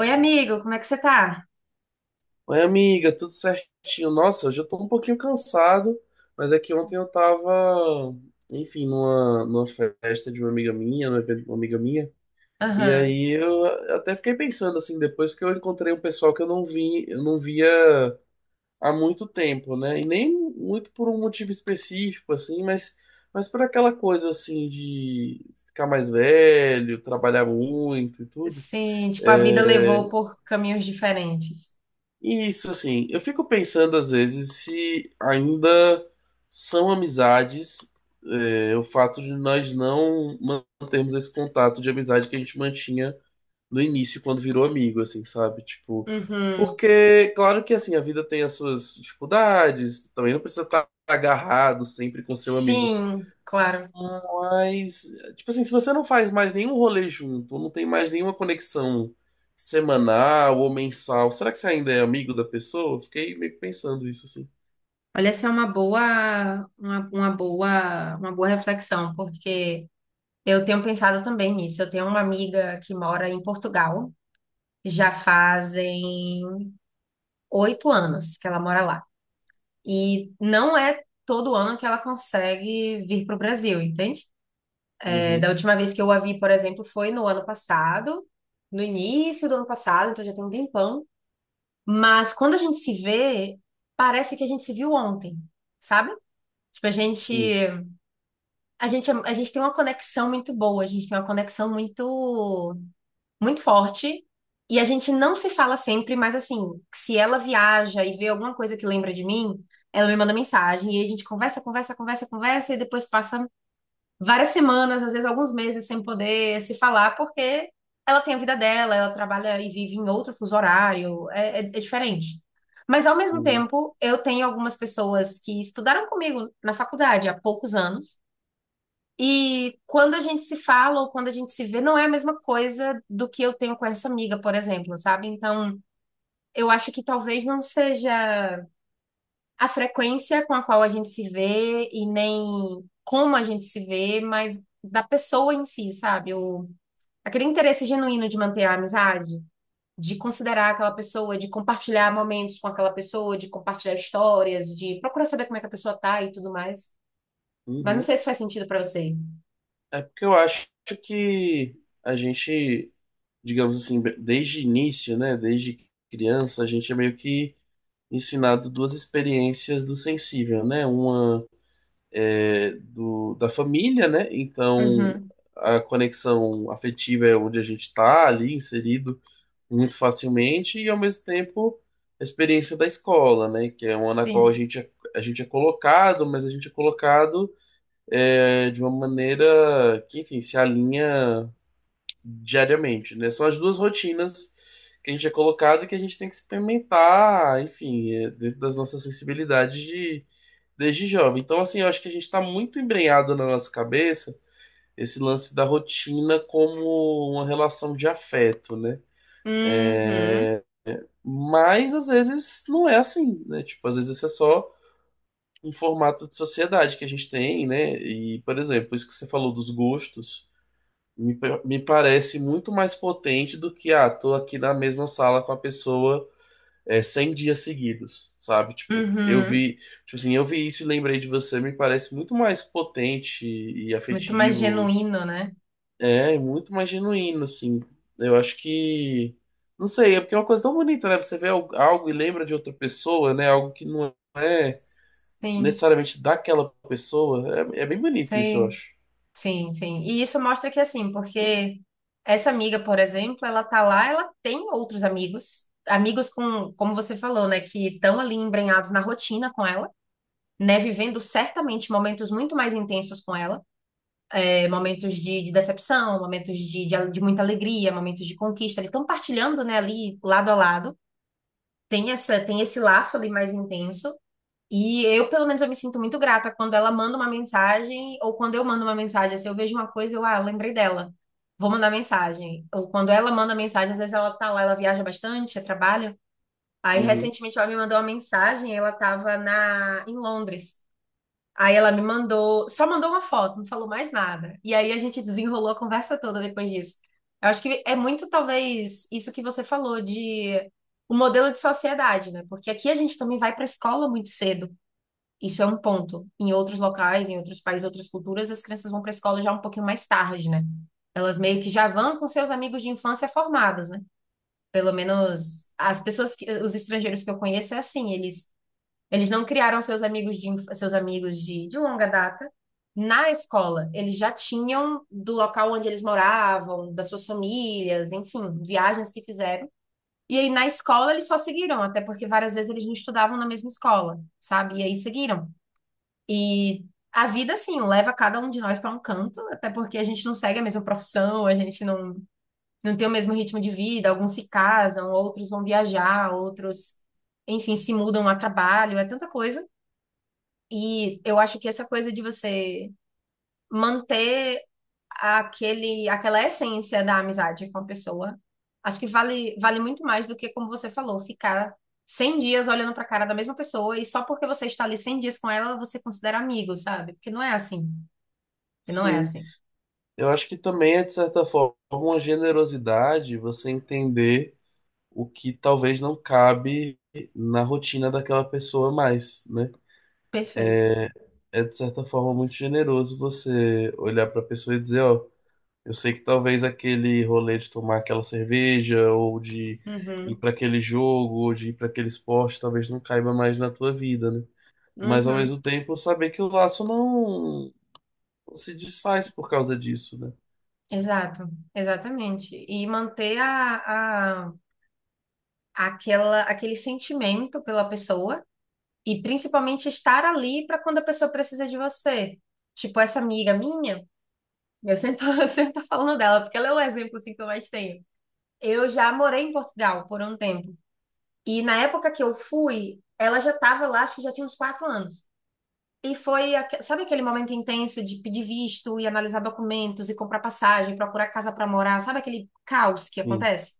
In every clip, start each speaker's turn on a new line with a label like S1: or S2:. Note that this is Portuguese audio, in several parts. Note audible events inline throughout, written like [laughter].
S1: Oi, amigo, como é que você tá?
S2: Oi, amiga, tudo certinho? Nossa, hoje eu tô um pouquinho cansado, mas é que ontem eu tava, enfim, numa festa de uma amiga minha, num evento de uma amiga minha, e
S1: Aham.
S2: aí eu até fiquei pensando assim, depois que eu encontrei um pessoal que eu não via há muito tempo, né? E nem muito por um motivo específico, assim, mas por aquela coisa assim de ficar mais velho, trabalhar muito e tudo.
S1: Sim, tipo, a vida levou
S2: é,
S1: por caminhos diferentes.
S2: Isso, assim, eu fico pensando às vezes se ainda são amizades, o fato de nós não mantermos esse contato de amizade que a gente mantinha no início, quando virou amigo, assim, sabe? Tipo,
S1: Uhum.
S2: porque, claro que, assim, a vida tem as suas dificuldades, também não precisa estar agarrado sempre com seu amigo,
S1: Sim, claro.
S2: mas, tipo assim, se você não faz mais nenhum rolê junto, não tem mais nenhuma conexão semanal ou mensal, será que você ainda é amigo da pessoa? Eu fiquei meio que pensando isso, assim.
S1: Olha, essa é uma boa reflexão, porque eu tenho pensado também nisso. Eu tenho uma amiga que mora em Portugal, já fazem 8 anos que ela mora lá. E não é todo ano que ela consegue vir para o Brasil, entende? É, da
S2: Uhum,
S1: última vez que eu a vi, por exemplo, foi no ano passado, no início do ano passado, então já tem um tempão. Mas quando a gente se vê, parece que a gente se viu ontem, sabe? Tipo, a gente,
S2: sim.
S1: a gente, a gente tem uma conexão muito boa, a gente tem uma conexão muito, muito forte. E a gente não se fala sempre, mas assim, se ela viaja e vê alguma coisa que lembra de mim, ela me manda mensagem e aí a gente conversa, conversa, conversa, conversa e depois passa várias semanas, às vezes alguns meses sem poder se falar, porque ela tem a vida dela, ela trabalha e vive em outro fuso horário, é diferente. Mas ao mesmo
S2: Uhum,
S1: tempo, eu tenho algumas pessoas que estudaram comigo na faculdade há poucos anos, e quando a gente se fala ou quando a gente se vê, não é a mesma coisa do que eu tenho com essa amiga, por exemplo, sabe? Então, eu acho que talvez não seja a frequência com a qual a gente se vê e nem como a gente se vê, mas da pessoa em si, sabe? O, aquele interesse genuíno de manter a amizade, de considerar aquela pessoa, de compartilhar momentos com aquela pessoa, de compartilhar histórias, de procurar saber como é que a pessoa tá e tudo mais. Mas não
S2: uhum.
S1: sei se faz sentido pra você.
S2: É porque eu acho que a gente, digamos assim, desde início, né, desde criança, a gente é meio que ensinado duas experiências do sensível, né? Uma é, da família, né? Então
S1: Uhum,
S2: a conexão afetiva é onde a gente está ali inserido muito facilmente e ao mesmo tempo a experiência da escola, né? Que é uma na qual
S1: sim.
S2: a gente é colocado, mas a gente é colocado de uma maneira que, enfim, se alinha diariamente, né? São as duas rotinas que a gente é colocado e que a gente tem que experimentar, enfim, dentro das nossas sensibilidades de desde jovem. Então, assim, eu acho que a gente está muito embrenhado na nossa cabeça esse lance da rotina como uma relação de afeto, né?
S1: Uhum,
S2: Mas às vezes não é assim, né? Tipo, às vezes isso é só um formato de sociedade que a gente tem, né? E, por exemplo, isso que você falou dos gostos, me parece muito mais potente do que, ah, tô aqui na mesma sala com a pessoa 100 dias seguidos, sabe? Tipo,
S1: uhum.
S2: tipo assim, eu vi isso e lembrei de você, me parece muito mais potente e
S1: Muito mais
S2: afetivo,
S1: genuíno, né?
S2: muito mais genuíno, assim. Eu acho que, não sei, é porque é uma coisa tão bonita, né? Você vê algo e lembra de outra pessoa, né? Algo que não é
S1: Sim,
S2: necessariamente daquela pessoa, é bem bonito isso, eu
S1: sim.
S2: acho.
S1: Sim, sim. E isso mostra que, assim, porque essa amiga, por exemplo, ela tá lá, ela tem outros amigos, amigos como você falou, né, que estão ali embrenhados na rotina com ela, né, vivendo certamente momentos muito mais intensos com ela, é, momentos de decepção, momentos de muita alegria, momentos de conquista, eles estão partilhando, né, ali lado a lado. Tem essa, tem esse laço ali mais intenso, e eu, pelo menos, eu me sinto muito grata quando ela manda uma mensagem, ou quando eu mando uma mensagem. Se eu vejo uma coisa, eu, ah, lembrei dela, vou mandar mensagem. Ou quando ela manda mensagem, às vezes ela tá lá, ela viaja bastante, é trabalho. Aí,
S2: Uhum.
S1: recentemente, ela me mandou uma mensagem, ela tava em Londres. Aí ela me mandou, só mandou uma foto, não falou mais nada. E aí a gente desenrolou a conversa toda depois disso. Eu acho que é muito, talvez, isso que você falou de o modelo de sociedade, né? Porque aqui a gente também vai para a escola muito cedo. Isso é um ponto. Em outros locais, em outros países, outras culturas, as crianças vão para a escola já um pouquinho mais tarde, né? Elas meio que já vão com seus amigos de infância formados, né? Pelo menos as pessoas que, os estrangeiros que eu conheço é assim, eles não criaram seus amigos de inf- seus amigos de longa data na escola. Eles já tinham do local onde eles moravam, das suas famílias, enfim, viagens que fizeram. E aí na escola eles só seguiram, até porque várias vezes eles não estudavam na mesma escola, sabe? E aí seguiram. E a vida, assim, leva cada um de nós para um canto, até porque a gente não segue a mesma profissão, a gente não tem o mesmo ritmo de vida. Alguns se casam, outros vão viajar, outros, enfim, se mudam a trabalho, é tanta coisa. E eu acho que essa coisa de você manter aquela essência da amizade com a pessoa, acho que vale muito mais do que, como você falou, ficar 100 dias olhando para a cara da mesma pessoa e só porque você está ali 100 dias com ela, você considera amigo, sabe? Porque não é assim. E não é
S2: Sim,
S1: assim.
S2: eu acho que também é, de certa forma, uma generosidade você entender o que talvez não cabe na rotina daquela pessoa mais, né?
S1: Perfeito.
S2: É de certa forma muito generoso você olhar para a pessoa e dizer, ó, eu sei que talvez aquele rolê de tomar aquela cerveja ou de ir
S1: Uhum.
S2: para aquele jogo ou de ir para aquele esporte talvez não caiba mais na tua vida, né? Mas ao
S1: Uhum.
S2: mesmo tempo saber que o laço não se desfaz por causa disso, né?
S1: Exato, exatamente. E manter aquele sentimento pela pessoa e principalmente estar ali para quando a pessoa precisa de você. Tipo, essa amiga minha, eu sempre tô, [laughs] eu sempre tô falando dela, porque ela é o exemplo assim, que eu mais tenho. Eu já morei em Portugal por um tempo. E na época que eu fui, ela já estava lá, acho que já tinha uns 4 anos. E foi, sabe aquele momento intenso de pedir visto e analisar documentos e comprar passagem, procurar casa para morar, sabe aquele caos que
S2: Sim.
S1: acontece?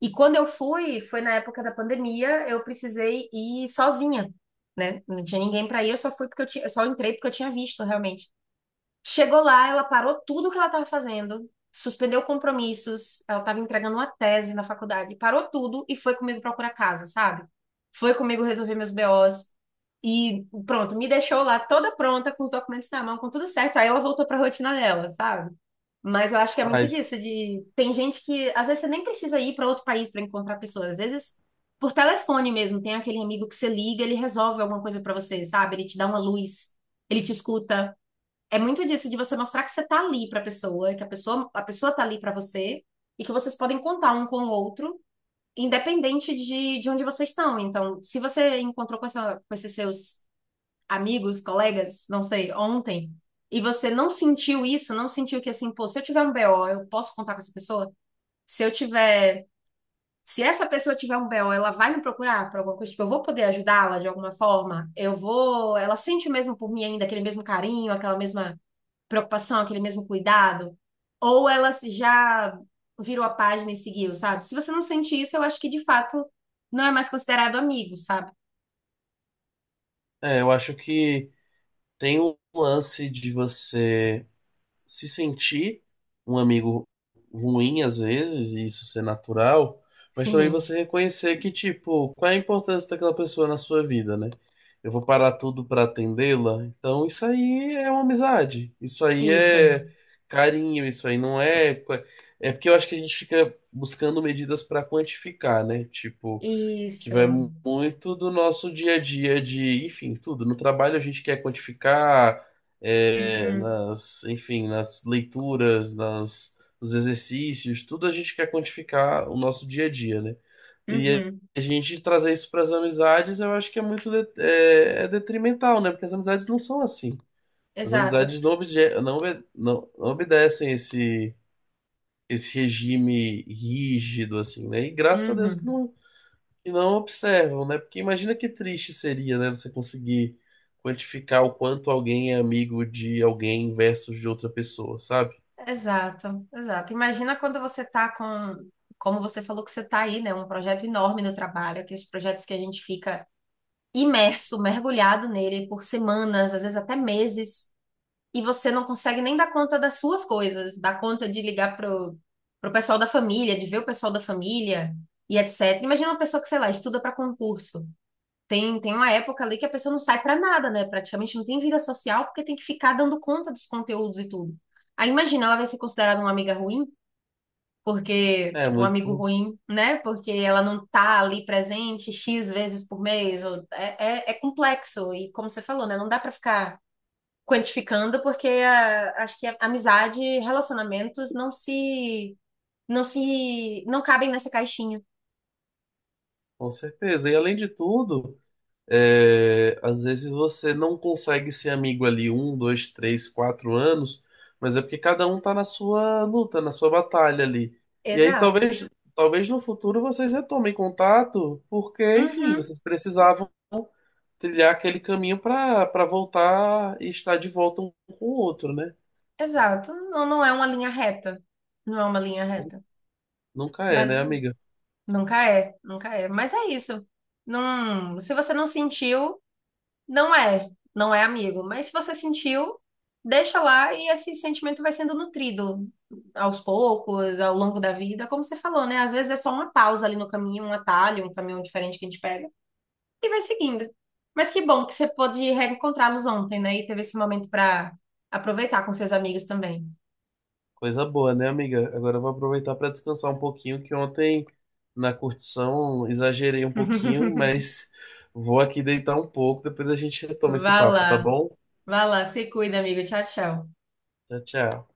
S1: E quando eu fui, foi na época da pandemia, eu precisei ir sozinha, né? Não tinha ninguém para ir, eu só fui porque eu tinha, eu só entrei porque eu tinha visto realmente. Chegou lá, ela parou tudo que ela estava fazendo, suspendeu compromissos, ela estava entregando uma tese na faculdade, parou tudo e foi comigo procurar casa, sabe? Foi comigo resolver meus BOs e pronto, me deixou lá toda pronta, com os documentos na mão, com tudo certo. Aí ela voltou para a rotina dela, sabe? Mas eu acho que é muito
S2: Mas
S1: disso, de tem gente que às vezes você nem precisa ir para outro país para encontrar pessoas, às vezes por telefone mesmo, tem aquele amigo que você liga, ele resolve alguma coisa para você, sabe? Ele te dá uma luz, ele te escuta, é muito disso de você mostrar que você tá ali pra pessoa, que a pessoa tá ali pra você e que vocês podem contar um com o outro, independente de onde vocês estão. Então, se você encontrou com esses seus amigos, colegas, não sei, ontem, e você não sentiu isso, não sentiu que assim, pô, se eu tiver um BO, eu posso contar com essa pessoa? Se eu tiver. Se essa pessoa tiver um BO, ela vai me procurar por alguma coisa, tipo, eu vou poder ajudá-la de alguma forma, eu vou. Ela sente mesmo por mim ainda aquele mesmo carinho, aquela mesma preocupação, aquele mesmo cuidado, ou ela já virou a página e seguiu, sabe? Se você não sente isso, eu acho que de fato não é mais considerado amigo, sabe?
S2: eu acho que tem um lance de você se sentir um amigo ruim às vezes, e isso ser natural, mas também
S1: Sim,
S2: você reconhecer que, tipo, qual é a importância daquela pessoa na sua vida, né? Eu vou parar tudo pra atendê-la, então isso aí é uma amizade, isso aí
S1: isso,
S2: é carinho, isso aí não é. É porque eu acho que a gente fica buscando medidas pra quantificar, né? Tipo que vai
S1: isso,
S2: muito do nosso dia a dia de, enfim, tudo. No trabalho a gente quer quantificar,
S1: uhum,
S2: nas leituras, nos exercícios, tudo a gente quer quantificar o nosso dia a dia, né? E
S1: uhum,
S2: a gente trazer isso para as amizades, eu acho que é muito é detrimental, né? Porque as amizades não são assim. As
S1: exato,
S2: amizades não, obje, não, obe- não, não obedecem esse regime rígido, assim, né? E graças a Deus que
S1: uhum,
S2: não e não observam, né? Porque imagina que triste seria, né? Você conseguir quantificar o quanto alguém é amigo de alguém versus de outra pessoa, sabe?
S1: exato, exato. Imagina quando você tá com, como você falou que você tá aí, né? Um projeto enorme no trabalho, aqueles projetos que a gente fica imerso, mergulhado nele por semanas, às vezes até meses. E você não consegue nem dar conta das suas coisas, dar conta de ligar pro pessoal da família, de ver o pessoal da família e etc. Imagina uma pessoa que, sei lá, estuda para concurso. Tem uma época ali que a pessoa não sai para nada, né? Praticamente não tem vida social porque tem que ficar dando conta dos conteúdos e tudo. Aí imagina, ela vai ser considerada uma amiga ruim, porque,
S2: É
S1: tipo, um amigo
S2: muito,
S1: ruim, né? Porque ela não tá ali presente X vezes por mês. É complexo. E como você falou, né? Não dá para ficar quantificando, porque a acho que a amizade, e relacionamentos não cabem nessa caixinha.
S2: com certeza. E além de tudo, às vezes você não consegue ser amigo ali um, dois, três, quatro anos, mas é porque cada um tá na sua luta, na sua batalha ali. E aí
S1: Exato.
S2: talvez no futuro vocês retomem contato, porque, enfim,
S1: Uhum,
S2: vocês precisavam trilhar aquele caminho para voltar e estar de volta um com o outro, né?
S1: exato. Não, não é uma linha reta. Não é uma linha reta.
S2: Nunca é,
S1: Mas
S2: né, amiga?
S1: nunca é, nunca é. Mas é isso. Não, se você não sentiu, não é, não é amigo, mas se você sentiu, deixa lá e esse sentimento vai sendo nutrido aos poucos, ao longo da vida, como você falou, né? Às vezes é só uma pausa ali no caminho, um atalho, um caminho diferente que a gente pega e vai seguindo. Mas que bom que você pôde reencontrá-los ontem, né? E teve esse momento para aproveitar com seus amigos também.
S2: Coisa boa, né, amiga? Agora eu vou aproveitar para descansar um pouquinho, que ontem na curtição exagerei um pouquinho,
S1: [laughs]
S2: mas vou aqui deitar um pouco, depois a gente retoma esse
S1: Vá
S2: papo, tá
S1: lá,
S2: bom?
S1: vá lá, se cuida, amigo. Tchau, tchau.
S2: Tchau, tchau.